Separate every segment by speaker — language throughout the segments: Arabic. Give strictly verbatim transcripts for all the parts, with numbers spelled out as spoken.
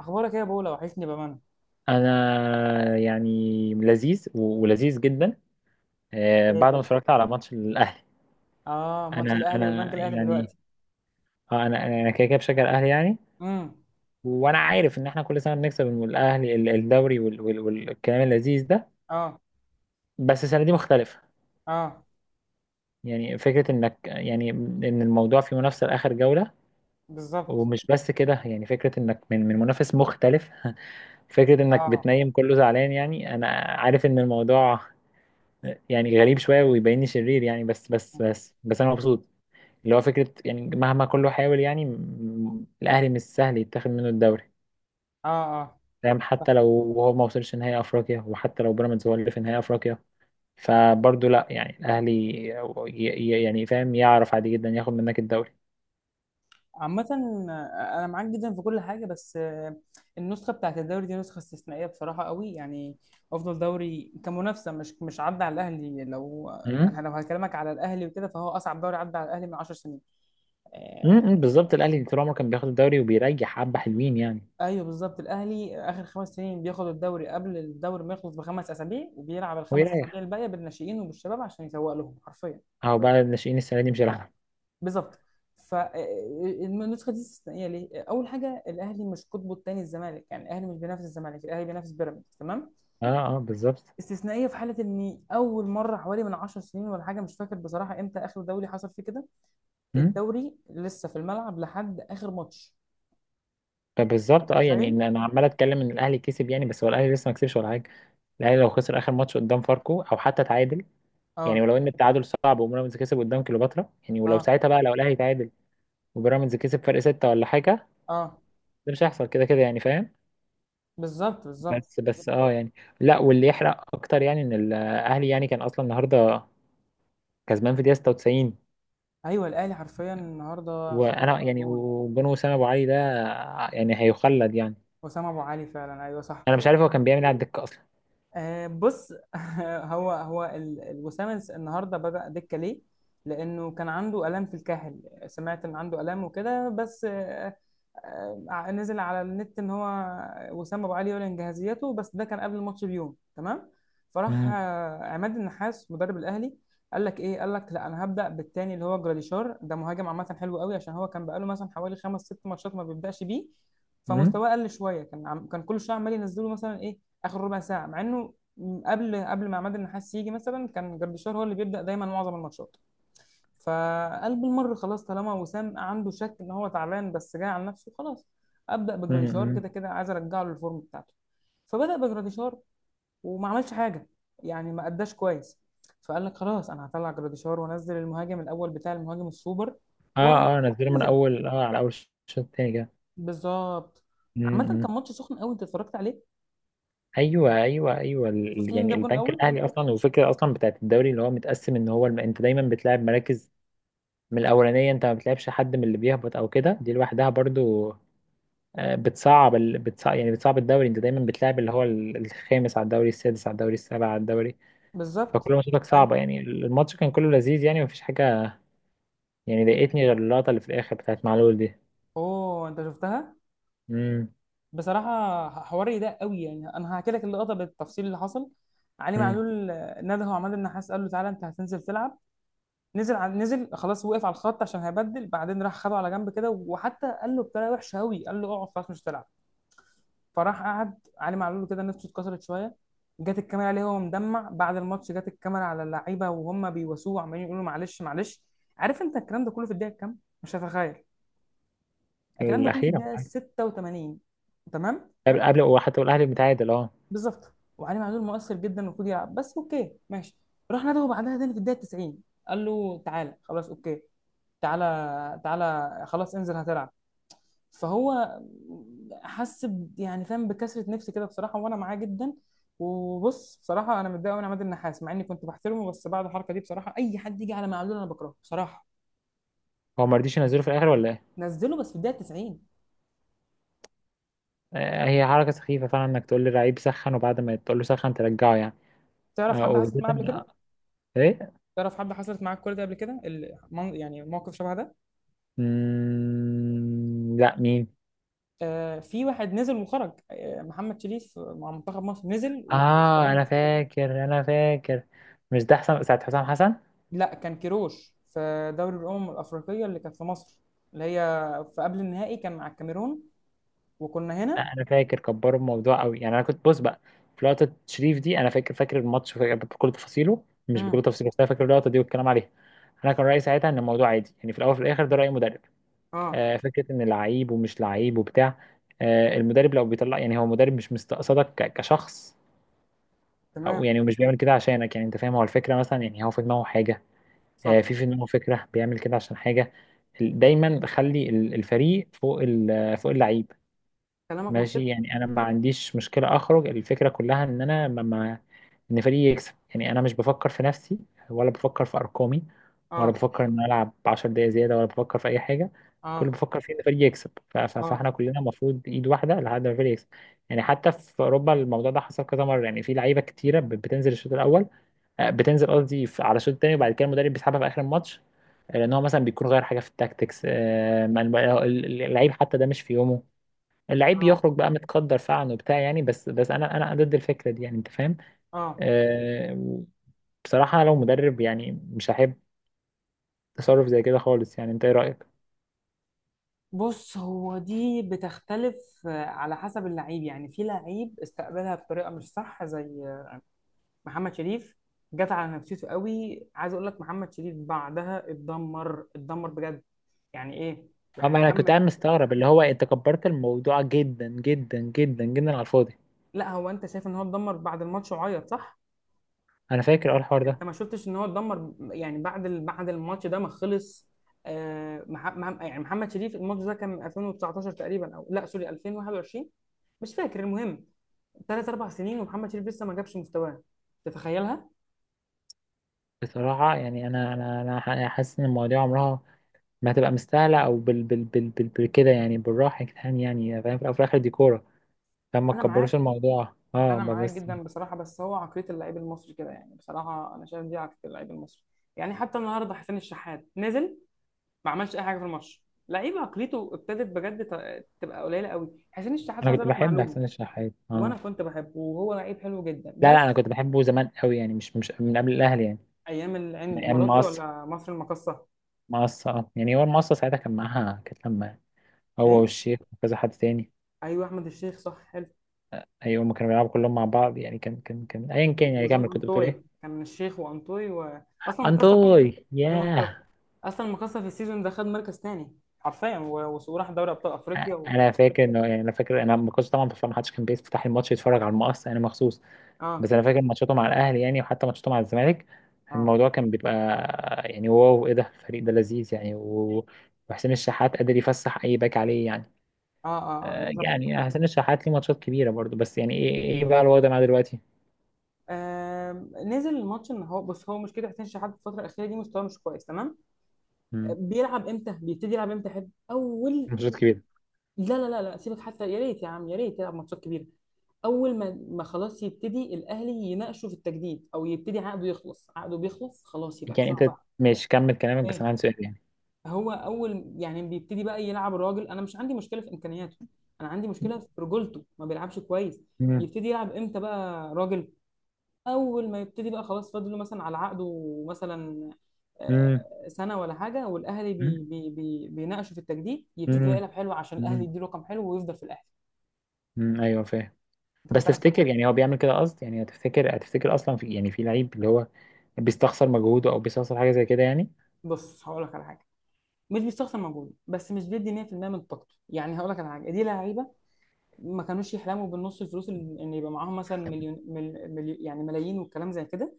Speaker 1: اخبارك ايه يا بولا، وحشني بامانه.
Speaker 2: انا يعني لذيذ و- ولذيذ جدا. آه،
Speaker 1: ايه
Speaker 2: بعد ما
Speaker 1: كده؟
Speaker 2: اتفرجت على ماتش الاهلي.
Speaker 1: اه، ماتش
Speaker 2: انا
Speaker 1: الاهلي والبنك
Speaker 2: انا
Speaker 1: الاهلي
Speaker 2: يعني.
Speaker 1: دلوقتي.
Speaker 2: آه، انا انا كده كده بشجع الاهلي يعني.
Speaker 1: امم.
Speaker 2: وانا عارف ان احنا كل سنه بنكسب الاهلي ال- الدوري وال- وال- والكلام اللذيذ ده.
Speaker 1: اه.
Speaker 2: بس السنه دي مختلفه.
Speaker 1: اه.
Speaker 2: يعني فكره انك يعني ان الموضوع في منافسه لاخر جوله.
Speaker 1: بالظبط.
Speaker 2: ومش بس كده، يعني فكره انك من من منافس مختلف. فكره انك
Speaker 1: اه.
Speaker 2: بتنيم كله زعلان، يعني انا عارف ان الموضوع يعني غريب شوية ويبيني شرير يعني، بس بس بس بس أنا مبسوط. اللي هو فكرة يعني مهما كله حاول يعني، م- الأهلي مش سهل يتاخد منه الدوري،
Speaker 1: اه. اه.
Speaker 2: فاهم؟
Speaker 1: صح.
Speaker 2: حتى لو هو ما وصلش نهائي أفريقيا، وحتى لو بيراميدز هو اللي في نهائي أفريقيا، فبرضه لأ، يعني الأهلي ي- ي- يعني فاهم، يعرف عادي جدا ياخد منك الدوري.
Speaker 1: عامة، آه، أنا معاك جدا في كل حاجة، بس آه، النسخة بتاعت الدوري دي نسخة استثنائية بصراحة قوي، يعني أفضل دوري كمنافسة، مش مش عدى على الأهلي. لو
Speaker 2: أمم،
Speaker 1: أنا لو هكلمك على الأهلي وكده فهو أصعب دوري عدى على الأهلي من 10 سنين. آه،
Speaker 2: أمم، بالظبط، الأهلي طول عمره كان بياخد الدوري وبيريح حبة حلوين يعني.
Speaker 1: ايوه بالظبط، الاهلي اخر خمس سنين بياخد الدوري قبل الدوري ما يخلص بخمس اسابيع، وبيلعب
Speaker 2: هو
Speaker 1: الخمس اسابيع
Speaker 2: يريح.
Speaker 1: الباقيه بالناشئين وبالشباب عشان يسوق لهم حرفيا.
Speaker 2: أهو بقى الناشئين السنة دي مش هيلعبوا.
Speaker 1: بالظبط. فالنسخه دي استثنائيه ليه؟ اول حاجه، الاهلي مش قطبه الثاني الزمالك، يعني الاهلي مش بينافس الزمالك، الاهلي بينافس بيراميدز، تمام؟
Speaker 2: أه. أه بالظبط.
Speaker 1: استثنائيه في حاله ان اول مره حوالي من 10 سنين ولا حاجه، مش فاكر بصراحه امتى اخر دوري حصل فيه كده. الدوري لسه في الملعب لحد اخر ماتش.
Speaker 2: فبالظبط
Speaker 1: أنت
Speaker 2: اه، يعني
Speaker 1: متخيل؟
Speaker 2: ان انا عمال اتكلم ان الاهلي كسب يعني، بس هو الاهلي لسه ما كسبش ولا حاجه. الاهلي لو خسر اخر ماتش قدام فاركو او حتى تعادل، يعني
Speaker 1: اه.
Speaker 2: ولو ان التعادل صعب، وبيراميدز كسب قدام كليوباترا، يعني ولو
Speaker 1: اه.
Speaker 2: ساعتها بقى، لو الاهلي تعادل وبيراميدز كسب فرق ستة ولا حاجه،
Speaker 1: اه.
Speaker 2: ده مش هيحصل كده كده يعني، فاهم؟
Speaker 1: بالظبط بالظبط.
Speaker 2: بس بس اه يعني. لا، واللي يحرق اكتر يعني ان الاهلي يعني كان اصلا النهارده كسبان في دقيقه ستة وتسعين.
Speaker 1: ايوه الاهلي حرفيا النهارده
Speaker 2: وانا
Speaker 1: خطفنا
Speaker 2: يعني،
Speaker 1: جون.
Speaker 2: وجون وسام ابو علي ده يعني هيخلد يعني.
Speaker 1: وسام ابو علي فعلا، ايوه صح.
Speaker 2: انا مش عارف هو كان بيعمل إيه على الدكه اصلا.
Speaker 1: آه، بص، هو هو ال- الوسام الس- النهارده بدأ دكة ليه؟ لأنه كان عنده آلام في الكاحل. سمعت إن عنده آلام وكده، بس آه، آه، آه، نزل على النت إن هو وسام أبو علي يعلن جاهزيته، بس ده كان قبل الماتش بيوم، تمام؟ فراح
Speaker 2: امم.
Speaker 1: آه، عماد النحاس مدرب الأهلي قال لك إيه؟ قال لك لا أنا هبدأ بالتاني اللي هو جراديشار، ده مهاجم عامة حلو قوي، عشان هو كان بقاله مثلا حوالي خمس ست ماتشات ما بيبدأش بيه. فمستواه قل شوية، كان عم... كان كل شوية عمال ينزله مثلا إيه، اخر ربع ساعه، مع انه قبل قبل ما عماد النحاس يجي مثلا كان جردشار هو اللي بيبدا دايما معظم الماتشات. فقال بالمره خلاص، طالما وسام عنده شك ان هو تعبان بس جاي على نفسه، خلاص ابدا بجراديشار،
Speaker 2: امم.
Speaker 1: كده كده عايز ارجعه للفورم بتاعته. فبدا بجراديشار وما عملش حاجه، يعني ما اداش كويس. فقال لك خلاص انا هطلع جراديشار وانزل المهاجم الاول بتاع، المهاجم السوبر.
Speaker 2: اه اه، نزله من
Speaker 1: ونزل
Speaker 2: اول، اه، على اول الشوط التاني كده.
Speaker 1: بالظبط.
Speaker 2: امم.
Speaker 1: عامه كان
Speaker 2: إمم.
Speaker 1: ماتش سخن قوي، انت اتفرجت عليه؟
Speaker 2: ايوه ايوه ايوه،
Speaker 1: شفت
Speaker 2: ال-
Speaker 1: مين
Speaker 2: يعني
Speaker 1: جاب جون
Speaker 2: البنك
Speaker 1: الاول؟
Speaker 2: الاهلي اصلا، والفكره اصلا بتاعت الدوري اللي هو متقسم ان هو الم... انت دايما بتلعب مراكز من الاولانيه، انت ما بتلعبش حد من اللي بيهبط او كده، دي لوحدها برضو آه، بتصعب ال... بتصعب، يعني بتصعب الدوري. انت دايما بتلعب اللي هو ال- الخامس على الدوري، السادس على الدوري، السابع على الدوري،
Speaker 1: بالظبط.
Speaker 2: فكل ماتشاتك صعبه يعني. الماتش كان كله لذيذ يعني، مفيش حاجه يعني ضايقتني غير اللقطه اللي في الاخر بتاعت معلول دي.
Speaker 1: اوه، انت شفتها؟
Speaker 2: امم.
Speaker 1: بصراحه حواري ده قوي، يعني انا هحكي لك اللقطه بالتفصيل اللي حصل. علي
Speaker 2: امم.
Speaker 1: معلول آه، نده عماد النحاس قال له تعالى انت هتنزل تلعب. نزل ع- نزل خلاص، وقف على الخط عشان هيبدل، بعدين راح خده على جنب كده، وحتى قال له بطريقه وحشه قوي، قال له اقعد خلاص مش هتلعب. فراح قعد علي معلول كده، نفسه اتكسرت شويه. جت الكاميرا عليه وهو مدمع بعد الماتش، جت الكاميرا على اللعيبه وهم بيواسوه وعمالين يقولوا معلش معلش. عارف انت الكلام ده كله في الدقيقه كام؟ مش هتخيل. الكلام ده كله في
Speaker 2: الاخيره.
Speaker 1: الدقيقه ستة وثمانين. تمام.
Speaker 2: قبل، قبل، وحتى والاهلي متعادل، اه.
Speaker 1: بالظبط، وعلي معلول مؤثر جدا، المفروض يلعب، بس اوكي ماشي. راح نادوه بعدها تاني في الدقيقه تسعين، قال له تعالى خلاص اوكي، تعالى تعالى خلاص انزل هتلعب. فهو حس ب- يعني فاهم بكسره نفس كده بصراحه، وانا معاه جدا. وبص بصراحه انا متضايق قوي من عماد النحاس، مع اني كنت بحترمه، بس بعد الحركه دي بصراحه اي حد يجي على معلول انا بكرهه بصراحه.
Speaker 2: هو ما رضيش ينزله في الاخر ولا ايه؟
Speaker 1: نزله بس في الدقيقه تسعين.
Speaker 2: آه، هي حركه سخيفه فعلا انك تقول للعيب سخن، وبعد ما تقول له سخن ترجعه يعني.
Speaker 1: تعرف
Speaker 2: آه،
Speaker 1: حد حصلت
Speaker 2: وبالذات
Speaker 1: معاه قبل
Speaker 2: إن-
Speaker 1: كده؟
Speaker 2: ايه.
Speaker 1: تعرف حد حصلت معاه الكوره دي قبل كده، ال- من- يعني موقف شبه ده؟
Speaker 2: مم... لا مين؟
Speaker 1: آه، في واحد نزل وخرج، آه، محمد شريف مع منتخب مصر نزل وكيروش
Speaker 2: اه انا
Speaker 1: خرجه.
Speaker 2: فاكر، انا فاكر. مش ده حسام، ساعه حسام حسن؟
Speaker 1: لا، كان كيروش في دوري الامم الافريقيه اللي كانت في مصر، اللي هي في قبل النهائي كان مع الكاميرون، وكنا هنا.
Speaker 2: لا انا فاكر كبروا الموضوع قوي يعني، انا كنت بص بقى في لقطه شريف دي، انا فاكر، فاكر الماتش، فاكر بكل تفاصيله، مش بكل
Speaker 1: امم.
Speaker 2: تفاصيله، بس انا فاكر اللقطه دي والكلام عليها. انا كان رايي ساعتها ان الموضوع عادي يعني، في الاول وفي الاخر ده راي مدرب.
Speaker 1: اه.
Speaker 2: آه، فكره ان لعيب ومش لعيب وبتاع. آه، المدرب لو بيطلع يعني هو مدرب، مش مستقصدك ك- كشخص. او
Speaker 1: تمام.
Speaker 2: يعني ومش بيعمل كده عشانك، يعني انت فاهم، هو الفكره مثلا يعني هو في دماغه حاجه. آه،
Speaker 1: صح.
Speaker 2: في في دماغه فكره بيعمل كده عشان حاجه. ال- دايما خلي ال- الفريق فوق ال- فوق اللعيب.
Speaker 1: كلامك منطقي.
Speaker 2: ماشي يعني، انا ما عنديش مشكله. اخرج الفكره كلها ان انا ما، ان فريقي يكسب يعني. انا مش بفكر في نفسي، ولا بفكر في ارقامي، ولا
Speaker 1: اه.
Speaker 2: بفكر ان أنا العب عشر دقايق زياده، ولا بفكر في اي حاجه. كل
Speaker 1: اه.
Speaker 2: اللي بفكر فيه ان فريقي يكسب. ف- ف-
Speaker 1: اه.
Speaker 2: فاحنا كلنا المفروض ايد واحده لحد ما الفريق يكسب. يعني حتى في اوروبا الموضوع ده حصل كذا مره، يعني في لعيبه كتيره ب- بتنزل الشوط الاول، آه، بتنزل قصدي في- على الشوط الثاني، وبعد كده المدرب بيسحبها في اخر الماتش، آه، لان هو مثلا بيكون غير حاجه في التاكتكس، آه، ما- ال- اللعيب حتى ده مش في يومه. اللعيب
Speaker 1: اه.
Speaker 2: بيخرج بقى متقدر فعلا وبتاع يعني، بس بس انا انا ضد الفكره دي يعني، انت فاهم؟
Speaker 1: اه.
Speaker 2: آه، بصراحة لو مدرب يعني مش هحب تصرف زي كده خالص يعني، انت ايه رأيك؟
Speaker 1: بص هو دي بتختلف آه، على حسب اللعيب، يعني في لعيب استقبلها بطريقه مش صح، زي محمد شريف، جت على نفسيته قوي. عايز اقول لك، محمد شريف بعدها اتدمر، اتدمر بجد. يعني ايه، يعني
Speaker 2: اما انا كنت
Speaker 1: محمد،
Speaker 2: قاعد مستغرب اللي هو انت كبرت الموضوع جدا جدا جدا جدا على الفاضي.
Speaker 1: لا هو انت شايف ان هو اتدمر بعد الماتش وعيط صح؟
Speaker 2: انا فاكر اه الحوار ده.
Speaker 1: انت ما شفتش ان هو اتدمر يعني بعد ال... بعد الماتش ده ما خلص؟ آه مح... مح... يعني محمد شريف الماتش ده كان من ألفين وتسعتاشر تقريبا، او لا سوري ألفين وواحد وعشرين، مش فاكر، المهم ثلاث اربع سنين ومحمد شريف لسه ما جابش مستواه. تتخيلها؟
Speaker 2: بصراحة يعني، انا انا انا ح- أنا حاسس ان المواضيع عمرها ما هتبقى مستاهلة او بال بال بال بال بال كده يعني، بالراحة يا جدعان يعني، فاهم، في الأول وفي الاخر دي كورة، فما
Speaker 1: انا معاك،
Speaker 2: تكبروش الموضوع اه
Speaker 1: انا
Speaker 2: ما
Speaker 1: معاك
Speaker 2: بس.
Speaker 1: جدا بصراحه، بس هو عقليه اللعيب المصري كده، يعني بصراحه انا شايف دي عقليه اللعيب المصري. يعني حتى النهارده حسين الشحات نزل ما عملش اي حاجه في الماتش. لعيب عقليته ابتدت بجد ت- تبقى قليله قوي. حسين الشحات
Speaker 2: انا
Speaker 1: عايز
Speaker 2: كنت
Speaker 1: اقول لك
Speaker 2: بحب
Speaker 1: معلومه.
Speaker 2: حسين الشحات،
Speaker 1: وانا
Speaker 2: اه.
Speaker 1: كنت بحبه وهو لعيب حلو جدا
Speaker 2: لا لا، انا
Speaker 1: بس،
Speaker 2: كنت بحبه زمان قوي يعني، مش مش من قبل الاهلي يعني،
Speaker 1: ايام العين
Speaker 2: من ايام
Speaker 1: الاماراتي
Speaker 2: المقصة.
Speaker 1: ولا مصر المقاصه؟
Speaker 2: مقصة اه، يعني هو المقصة ساعتها كان معاها، كانت لما هو
Speaker 1: ايه؟
Speaker 2: والشيخ وكذا حد تاني.
Speaker 1: ايوه احمد الشيخ، صح، حلو.
Speaker 2: ايوه هما كانوا بيلعبوا كلهم مع بعض يعني، كان كان كان ايا كان يعني،
Speaker 1: وجون
Speaker 2: كمل، كنت بتقول
Speaker 1: انطوي،
Speaker 2: ايه؟
Speaker 1: كان الشيخ وانطوي و... اصلا مكسر في السيزون.
Speaker 2: انتوي،
Speaker 1: جون انطوي
Speaker 2: ياه.
Speaker 1: اصلا مكسر في السيزون ده، خد مركز تاني حرفيا، و- وراح دوري ابطال افريقيا.
Speaker 2: انا فاكر انه يعني، انا فاكر انا ما كنتش طبعا بتفرج، ما حدش كان بيفتح الماتش يتفرج على المقص، انا مخصوص.
Speaker 1: اه.
Speaker 2: بس انا فاكر ماتشاته مع الاهلي يعني، وحتى ماتشاته مع الزمالك،
Speaker 1: اه.
Speaker 2: الموضوع كان بيبقى يعني، واو، ايه ده، الفريق ده لذيذ يعني، و- وحسين الشحات قادر يفسح اي باك عليه يعني.
Speaker 1: اه. اه، آه
Speaker 2: آه،
Speaker 1: بالظبط.
Speaker 2: يعني حسين الشحات ليه ماتشات كبيره برضو، بس يعني ايه، ايه بقى الوضع معاه دلوقتي.
Speaker 1: آم، نزل الماتش ان هو، بص هو مشكله حسين شحات في الفتره الاخيره دي مستواه مش كويس، تمام؟
Speaker 2: مم.
Speaker 1: بيلعب امتى؟ بيبتدي يلعب امتى؟ حد اول.
Speaker 2: ماتشات كبيره.
Speaker 1: لا لا لا لا، سيبك، حتى يا ريت يا عم يا ريت يلعب ماتشات كبيره. اول ما، ما خلاص يبتدي الاهلي يناقشه في التجديد او يبتدي عقده يخلص، عقده بيخلص خلاص يبقى
Speaker 2: يعني
Speaker 1: بسرعه
Speaker 2: انت
Speaker 1: بقى.
Speaker 2: مش كمل كلامك، بس
Speaker 1: ايه؟
Speaker 2: انا عندي سؤال يعني.
Speaker 1: هو اول يعني بيبتدي بقى يلعب الراجل، انا مش عندي مشكله في امكانياته، انا عندي مشكله في رجولته ما بيلعبش كويس.
Speaker 2: مم.
Speaker 1: يبتدي يلعب امتى بقى راجل؟ اول ما يبتدي بقى خلاص، فاضل له مثلا على عقده مثلا آه،
Speaker 2: مم.
Speaker 1: سنه ولا حاجه، والاهلي بي
Speaker 2: مم.
Speaker 1: بي بي بيناقشوا في التجديد، يبتدي بقى
Speaker 2: مم.
Speaker 1: يلعب حلو عشان الاهلي
Speaker 2: مم.
Speaker 1: يديله رقم حلو ويفضل في الاهلي.
Speaker 2: مم. ايوه فاهم.
Speaker 1: انت
Speaker 2: بس
Speaker 1: كنت عايز تقول
Speaker 2: تفتكر
Speaker 1: حاجه؟
Speaker 2: يعني هو بيعمل كده قصد يعني؟ هتفتكر، هتفتكر اصلا في يعني في لعيب اللي هو بيستخسر مجهوده، او بيستخسر حاجه زي كده يعني؟
Speaker 1: بص هقول لك على حاجه. مش بيستخسر مجهوده، بس مش بيدي مية في المية من طاقته، يعني هقول لك على حاجه، دي لعيبه ما كانوش يحلموا بالنص الفلوس ال- ان يبقى معاهم مثلا مليون، مل مليون يعني ملايين والكلام زي كده.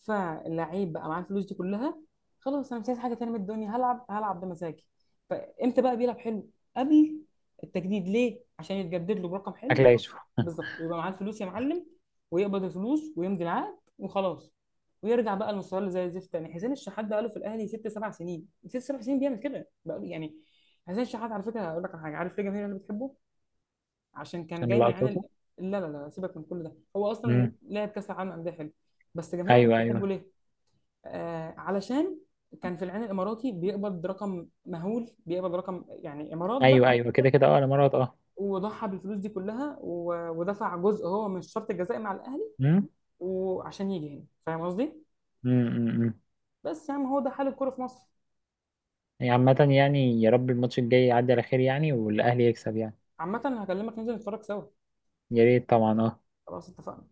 Speaker 1: فاللعيب بقى معاه الفلوس دي كلها، خلاص انا مش عايز حاجه تانية من الدنيا، هلعب هلعب بمزاجي. فامتى بقى بيلعب حلو؟ قبل التجديد، ليه؟ عشان يتجدد له برقم
Speaker 2: اكل
Speaker 1: حلو، يبقى-
Speaker 2: عيشه.
Speaker 1: بالظبط، ويبقى معاه الفلوس يا معلم، ويقبض الفلوس ويمضي العقد وخلاص، ويرجع بقى المستوى اللي زي الزفت تاني. حسين الشحات ده قاله في الاهلي ست سبع سنين، ست سبع سنين بيعمل كده بقى له. يعني حسين الشحات على فكره هقول لك على حاجه، عارف ليه الجماهير اللي بتحبه؟ عشان كان
Speaker 2: عشان
Speaker 1: جاي من عين
Speaker 2: لقطاته.
Speaker 1: ال... لا لا لا، سيبك من كل ده، هو اصلا
Speaker 2: مم.
Speaker 1: لعب كاس العالم انديه حلو، بس جماهير الاهلي
Speaker 2: ايوه
Speaker 1: بتحبه
Speaker 2: ايوه
Speaker 1: ليه؟ آه علشان كان في العين الاماراتي بيقبض رقم مهول، بيقبض رقم يعني امارات
Speaker 2: ايوه
Speaker 1: بقى،
Speaker 2: ايوه كده كده اه انا مرات اه.
Speaker 1: وضحى بالفلوس دي كلها و... ودفع جزء هو من الشرط الجزائي مع الاهلي
Speaker 2: مم.
Speaker 1: وعشان يجي هنا، فاهم قصدي؟
Speaker 2: مم. مم. مم.
Speaker 1: بس يا عم هو ده حال الكوره في مصر.
Speaker 2: يعني عامه يعني يا رب الماتش الجاي يعدي على خير يعني، والاهلي يكسب يعني.
Speaker 1: عامة هكلمك ننزل نتفرج سوا.
Speaker 2: يا ريت طبعا اه.
Speaker 1: خلاص اتفقنا.